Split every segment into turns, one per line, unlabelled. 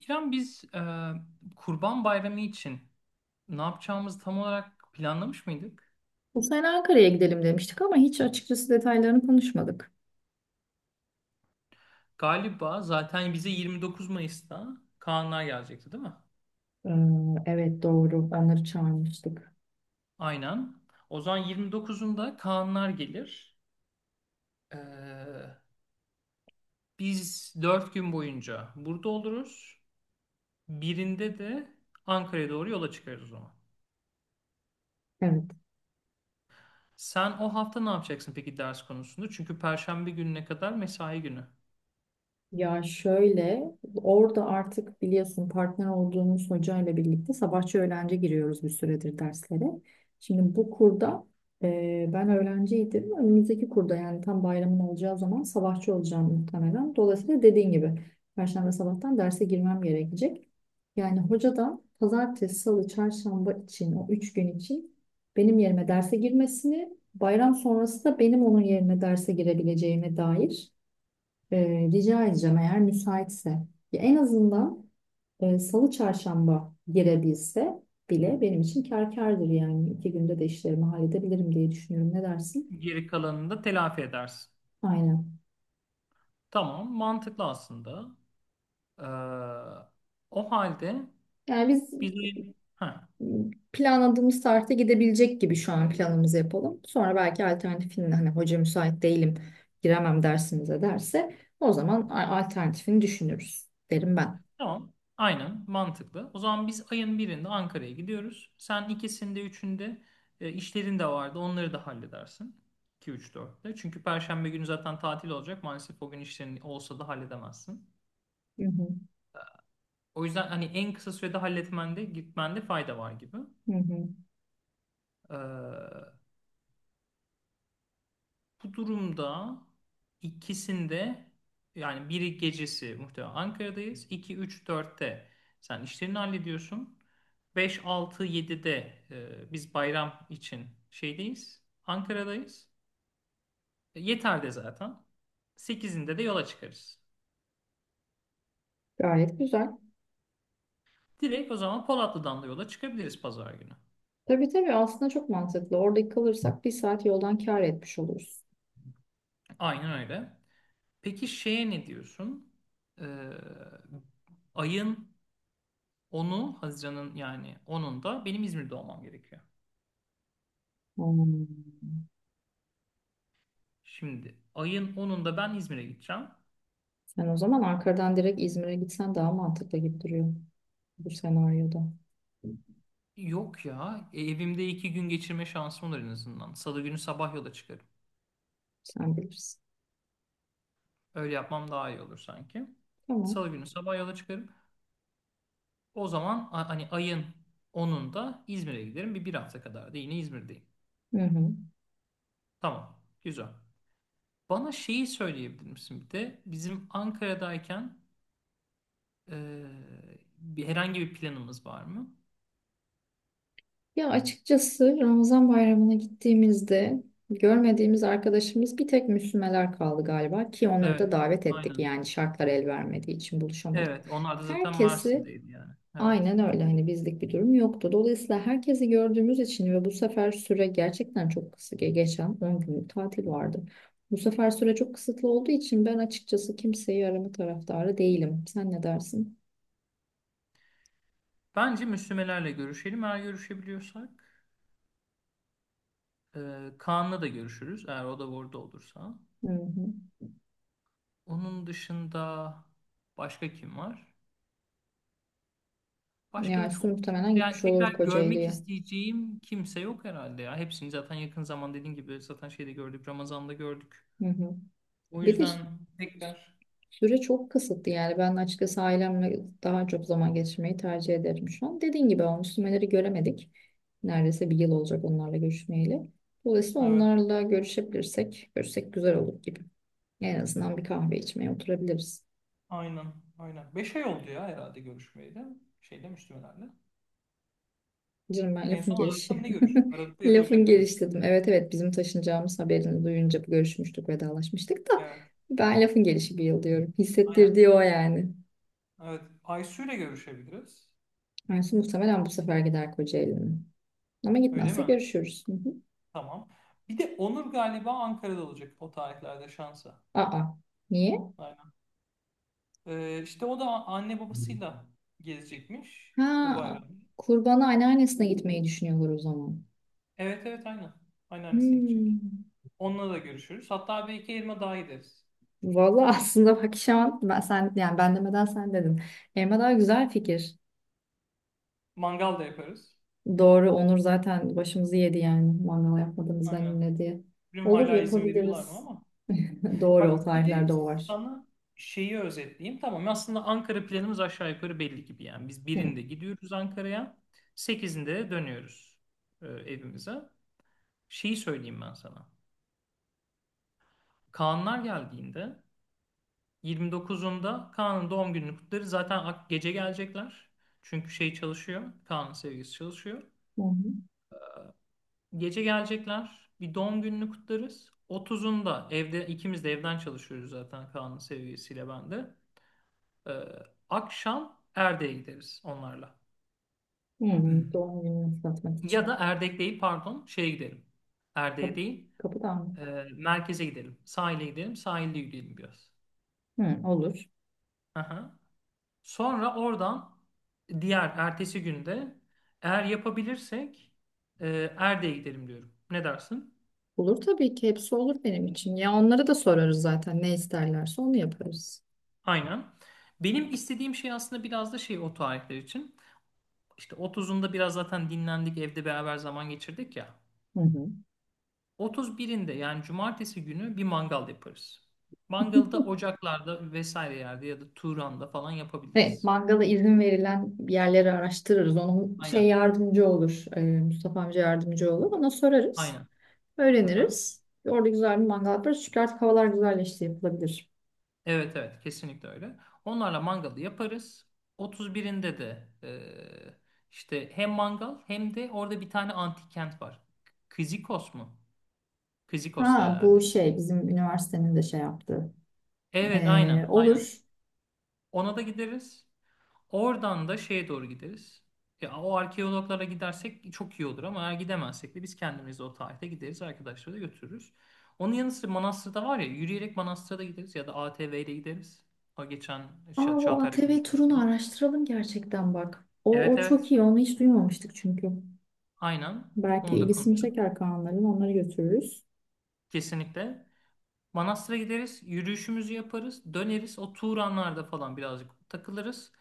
İrem, biz Kurban Bayramı için ne yapacağımızı tam olarak planlamış mıydık?
Bu sene Ankara'ya gidelim demiştik ama hiç açıkçası detaylarını konuşmadık.
Galiba zaten bize 29 Mayıs'ta Kaanlar gelecekti, değil mi?
Ee, evet doğru. Onları çağırmıştık.
Aynen. O zaman 29'unda Kaanlar gelir. E, biz 4 gün boyunca burada oluruz. Birinde de Ankara'ya doğru yola çıkarız o zaman.
Evet.
Sen o hafta ne yapacaksın peki, ders konusunda? Çünkü Perşembe gününe kadar mesai günü.
Ya şöyle, orada artık biliyorsun partner olduğumuz hocayla birlikte sabahçı öğlenci giriyoruz bir süredir derslere. Şimdi bu kurda ben öğrenciydim. Önümüzdeki kurda yani tam bayramın olacağı zaman sabahçı olacağım muhtemelen. Dolayısıyla dediğin gibi Perşembe sabahtan derse girmem gerekecek. Yani hoca da pazartesi, salı, çarşamba için o üç gün için benim yerime derse girmesini, bayram sonrası da benim onun yerine derse girebileceğime dair rica edeceğim eğer müsaitse. Ya en azından Salı Çarşamba girebilse bile benim için kâr kârdır yani. İki günde de işlerimi halledebilirim diye düşünüyorum. Ne dersin?
Geri kalanını da telafi edersin.
Aynen.
Tamam, mantıklı aslında. Ee, o halde
Yani biz
biz ayın... Ha,
planladığımız tarihte gidebilecek gibi şu an planımızı yapalım. Sonra belki alternatifini hani hoca müsait değilim giremem dersimize derse o zaman alternatifini düşünürüz derim ben.
tamam, aynen mantıklı. O zaman biz ayın birinde Ankara'ya gidiyoruz. Sen ikisinde, üçünde işlerin de vardı. Onları da halledersin. 2, 3, 4'te. Çünkü Perşembe günü zaten tatil olacak. Maalesef o gün işlerin olsa da halledemezsin.
Hı hı,
O yüzden hani en kısa sürede halletmende, gitmende fayda var gibi.
hı hı.
Ee, Bu durumda ikisinde, yani biri gecesi muhtemelen Ankara'dayız. İki 3 dörtte sen işlerini hallediyorsun. Beş 6 7'de biz bayram için şeydeyiz. Ankara'dayız. Yeter'de zaten. Sekizinde de yola çıkarız.
Gayet güzel.
Direkt o zaman Polatlı'dan da yola çıkabiliriz pazar günü.
Tabii tabii aslında çok mantıklı. Orada kalırsak bir saat yoldan kâr etmiş oluruz.
Aynen öyle. Peki şeye ne diyorsun? Ee, ayın 10'u, Haziran'ın yani 10'unda benim İzmir'de olmam gerekiyor.
Hmm.
Şimdi ayın 10'unda ben İzmir'e gideceğim.
Sen o zaman Ankara'dan direkt İzmir'e gitsen daha mantıklı gibi duruyor bu senaryoda.
Yok ya, evimde 2 gün geçirme şansım olur en azından. Salı günü sabah yola çıkarım.
Sen bilirsin.
Öyle yapmam daha iyi olur sanki.
Tamam.
Salı günü sabah yola çıkarım. O zaman hani ayın 10'unda İzmir'e giderim. Bir hafta kadar da yine İzmir'deyim.
Hı hı.
Tamam, güzel. Bana şeyi söyleyebilir misin bir de? Bizim Ankara'dayken e, herhangi bir planımız var mı?
Ya açıkçası Ramazan bayramına gittiğimizde görmediğimiz arkadaşımız bir tek Müslümeler kaldı galiba ki onları da
Evet,
davet ettik
aynen.
yani şartlar el vermediği için buluşamadık.
Evet, onlar da zaten
Herkesi
Mersin'deydi yani. Evet.
aynen öyle hani bizlik bir durum yoktu. Dolayısıyla herkesi gördüğümüz için ve bu sefer süre gerçekten çok kısa geçen 10 günlük tatil vardı. Bu sefer süre çok kısıtlı olduğu için ben açıkçası kimseyi arama taraftarı değilim. Sen ne dersin?
Bence Müslümelerle görüşelim. Eğer görüşebiliyorsak Kaan'la da görüşürüz. Eğer o da orada olursa.
Hı hı.
Onun dışında başka kim var? Başka
Yani
da
Su
çok,
muhtemelen
yani
gitmiş olur
tekrar görmek
Kocaeli'ye.
isteyeceğim kimse yok herhalde ya. Hepsini zaten yakın zaman dediğim gibi zaten şeyde gördük. Ramazan'da gördük.
Hı hı.
O
Bir de
yüzden tekrar.
süre çok kısıtlı yani ben açıkçası ailemle daha çok zaman geçirmeyi tercih ederim şu an. Dediğin gibi o Müslümanları göremedik. Neredeyse bir yıl olacak onlarla görüşmeyeli. Dolayısıyla
Evet,
onlarla görüşebilirsek, görüşsek güzel olur gibi. En azından bir kahve içmeye oturabiliriz.
aynen, aynen. 5 ay oldu ya herhalde görüşmeyeli. Şeyle, Müslümelerle.
Canım ben
En
lafın
son Aralık'ta mı
gelişi.
ne görüştük? Aralık'ta ya da
Lafın
Ocak'ta görüştük.
gelişi dedim. Evet evet bizim taşınacağımız haberini duyunca görüşmüştük, vedalaşmıştık da
Evet,
ben lafın gelişi bir yıl diyorum.
aynen.
Hissettirdiği o yani.
Evet. Aysu ile görüşebiliriz.
Yani muhtemelen bu sefer gider Kocaeli'nin. Ama
Öyle
gitmezse
mi?
görüşürüz. Hı hı.
Tamam. Bir de Onur galiba Ankara'da olacak o tarihlerde şansa.
Aa, niye?
Aynen. İşte o da anne babasıyla gezecekmiş bu
Ha,
bayramı.
kurbanı anneannesine gitmeyi düşünüyorlar o zaman.
Evet, evet, aynen. Anneannesine gidecek.
Hmm.
Onunla da görüşürüz. Hatta bir iki elma daha gideriz.
Vallahi aslında bak şu an ben, sen, yani ben demeden sen dedin. Elma daha güzel fikir.
Mangal da yaparız.
Doğru, Onur zaten başımızı yedi yani. Mangal yapmadığımızdan
Aynen.
benimle diye.
Bilmiyorum
Olur
hala izin veriyorlar mı
yapabiliriz.
ama.
Doğru, o
Bak bir de
tarihlerde o var.
sana şeyi özetleyeyim. Tamam, aslında Ankara planımız aşağı yukarı belli gibi yani. Biz
Hı.
birinde gidiyoruz Ankara'ya. Sekizinde de dönüyoruz evimize. Şeyi söyleyeyim ben sana. Kaanlar geldiğinde 29'unda Kaan'ın doğum gününü kutlarız. Zaten gece gelecekler. Çünkü şey çalışıyor. Kaan'ın sevgilisi çalışıyor.
Hı hı.
Gece gelecekler. Bir doğum gününü kutlarız. 30'unda evde ikimiz de evden çalışıyoruz zaten, Kaan'ın sevgilisiyle ben de. Ee, akşam Erdek'e gideriz onlarla.
Hı, doğum gününü kutlatmak için.
Ya da Erdek değil, pardon, şeye gidelim. Erdek'e
Kapı,
değil.
kapıdan mı?
e, merkeze gidelim. Sahile gidelim. Sahilde yürüyelim biraz.
Hı, olur.
Aha. Sonra oradan, diğer ertesi günde eğer yapabilirsek e, Erdek'e gidelim diyorum. Ne dersin?
Olur tabii ki hepsi olur benim için. Ya onlara da sorarız zaten ne isterlerse onu yaparız.
Aynen. Benim istediğim şey aslında biraz da şey o tarihler için. İşte otuzunda biraz zaten dinlendik, evde beraber zaman geçirdik ya.
Hı hı.
Otuz birinde, yani cumartesi günü bir mangal yaparız. Mangalı da ocaklarda vesaire yerde ya da Turan'da falan
Evet,
yapabiliriz.
mangala izin verilen yerleri araştırırız. Onun şey
Aynen.
yardımcı olur. Mustafa amca yardımcı olur. Ona sorarız.
Aynen. Aha.
Öğreniriz. Orada güzel bir mangal yaparız. Çünkü artık havalar güzelleşti yapılabilir.
Evet, evet, kesinlikle öyle. Onlarla mangalı yaparız. 31'inde de işte hem mangal hem de orada bir tane antik kent var. Kizikos mu? Kizikos'ta
Ha bu
herhalde.
şey bizim üniversitenin de şey yaptığı.
Evet,
E,
aynen, aynen.
olur.
Ona da gideriz. Oradan da şeye doğru gideriz. Ya, o arkeologlara gidersek çok iyi olur ama eğer gidemezsek de biz kendimiz de o tarihte gideriz. Arkadaşları da götürürüz. Onun yanı sıra manastırda var ya, yürüyerek manastıra da gideriz ya da ATV ile gideriz. O geçen
Ama o
Çağatay'la
ATV
konuştuğumuz
turunu
konu.
araştıralım gerçekten bak. O,
Evet,
o
evet.
çok iyi. Onu hiç duymamıştık çünkü.
Aynen.
Belki
Onu da
ilgisini
konuşalım.
çeker Kaanların. Onları götürürüz.
Kesinlikle. Manastır'a gideriz. Yürüyüşümüzü yaparız. Döneriz. O Turanlar'da falan birazcık takılırız.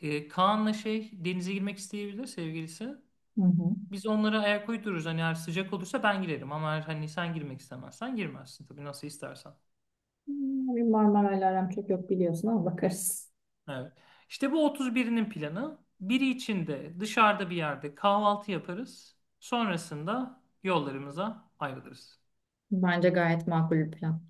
Kaan'la şey denize girmek isteyebilir sevgilisi.
Hı hı.
Biz onlara ayak uydururuz. Hani eğer sıcak olursa ben girerim. Ama eğer hani sen girmek istemezsen girmezsin. Tabii nasıl istersen.
Hmm, bir Marmaray'la aram çok yok biliyorsun ama bakarız.
Evet. İşte bu otuz birinin planı. Biri içinde dışarıda bir yerde kahvaltı yaparız. Sonrasında yollarımıza ayrılırız.
Bence gayet makul bir plan.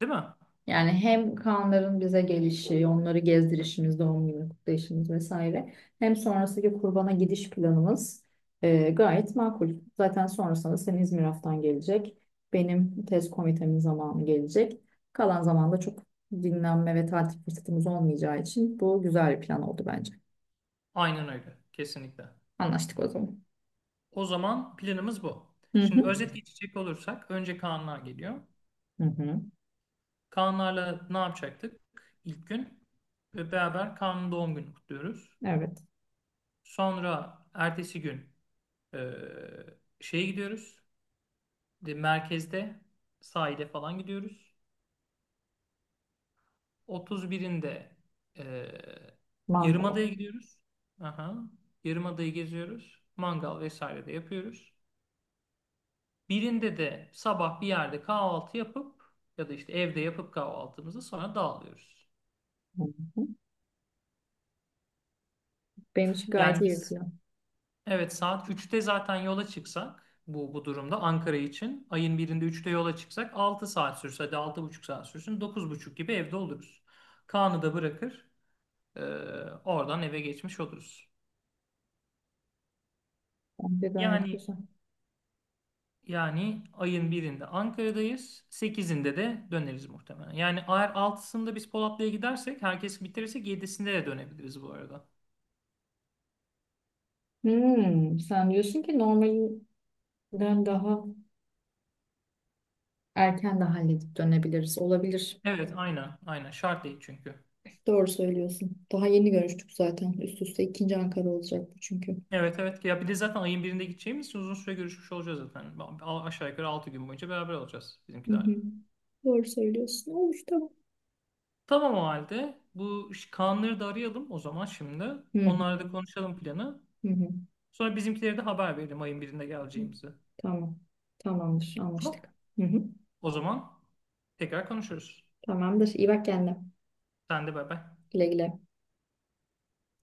Değil mi?
Yani hem Kaanların bize gelişi, onları gezdirişimiz, doğum günü kutlayışımız vesaire. Hem sonrasındaki kurbana gidiş planımız gayet makul. Zaten sonrasında senin İzmir haftan gelecek. Benim tez komitemin zamanı gelecek. Kalan zamanda çok dinlenme ve tatil fırsatımız olmayacağı için bu güzel bir plan oldu bence.
Aynen öyle. Kesinlikle.
Anlaştık o zaman.
O zaman planımız bu.
Hı
Şimdi
hı.
özet geçecek olursak önce Kaanlar geliyor.
Hı hı.
Kaanlarla ne yapacaktık ilk gün? Ve beraber Kaan'ın doğum gününü kutluyoruz.
Evet.
Sonra ertesi gün e, şeye gidiyoruz. De, merkezde sahile falan gidiyoruz. 31'inde e,
Mango.
Yarımada'ya gidiyoruz. Aha. Yarımada'yı geziyoruz. Mangal vesaire de yapıyoruz. Birinde de sabah bir yerde kahvaltı yapıp ya da işte evde yapıp kahvaltımızı sonra dağılıyoruz.
Hı hı. Benim için gayet
Yani
iyi bir
biz
plan.
evet saat 3'te zaten yola çıksak bu durumda Ankara için ayın birinde üçte yola çıksak 6 saat sürse, hadi 6,5 saat sürsün, 9:30 gibi evde oluruz. Kaan'ı da bırakır e, oradan eve geçmiş oluruz.
Bence gayet
Yani
güzel.
yani ayın birinde Ankara'dayız. Sekizinde de döneriz muhtemelen. Yani eğer altısında biz Polatlı'ya gidersek, herkes bitirirsek yedisinde de dönebiliriz bu arada.
Hmm, sen diyorsun ki normalden daha erken de halledip dönebiliriz. Olabilir.
Evet, aynen, aynen. Şart değil çünkü.
Doğru söylüyorsun. Daha yeni görüştük zaten. Üst üste ikinci Ankara olacak bu çünkü.
Evet, evet. Ya bir de zaten ayın birinde gideceğimiz için uzun süre görüşmüş olacağız zaten. Aşağı yukarı 6 gün boyunca beraber olacağız
Hı hı.
bizimkilerle.
Doğru söylüyorsun. Olur tamam.
Tamam, o halde. Bu Kaanları da arayalım o zaman şimdi.
Hı hı.
Onlarla da konuşalım planı.
Hı hı.
Sonra bizimkilere de haber verelim ayın birinde geleceğimizi.
Tamam. Tamamdır. Anlaştık.
Tamam.
Hı hı.
O zaman tekrar konuşuruz.
Tamamdır. İyi bak kendine.
Sen de bay bay.
Güle güle.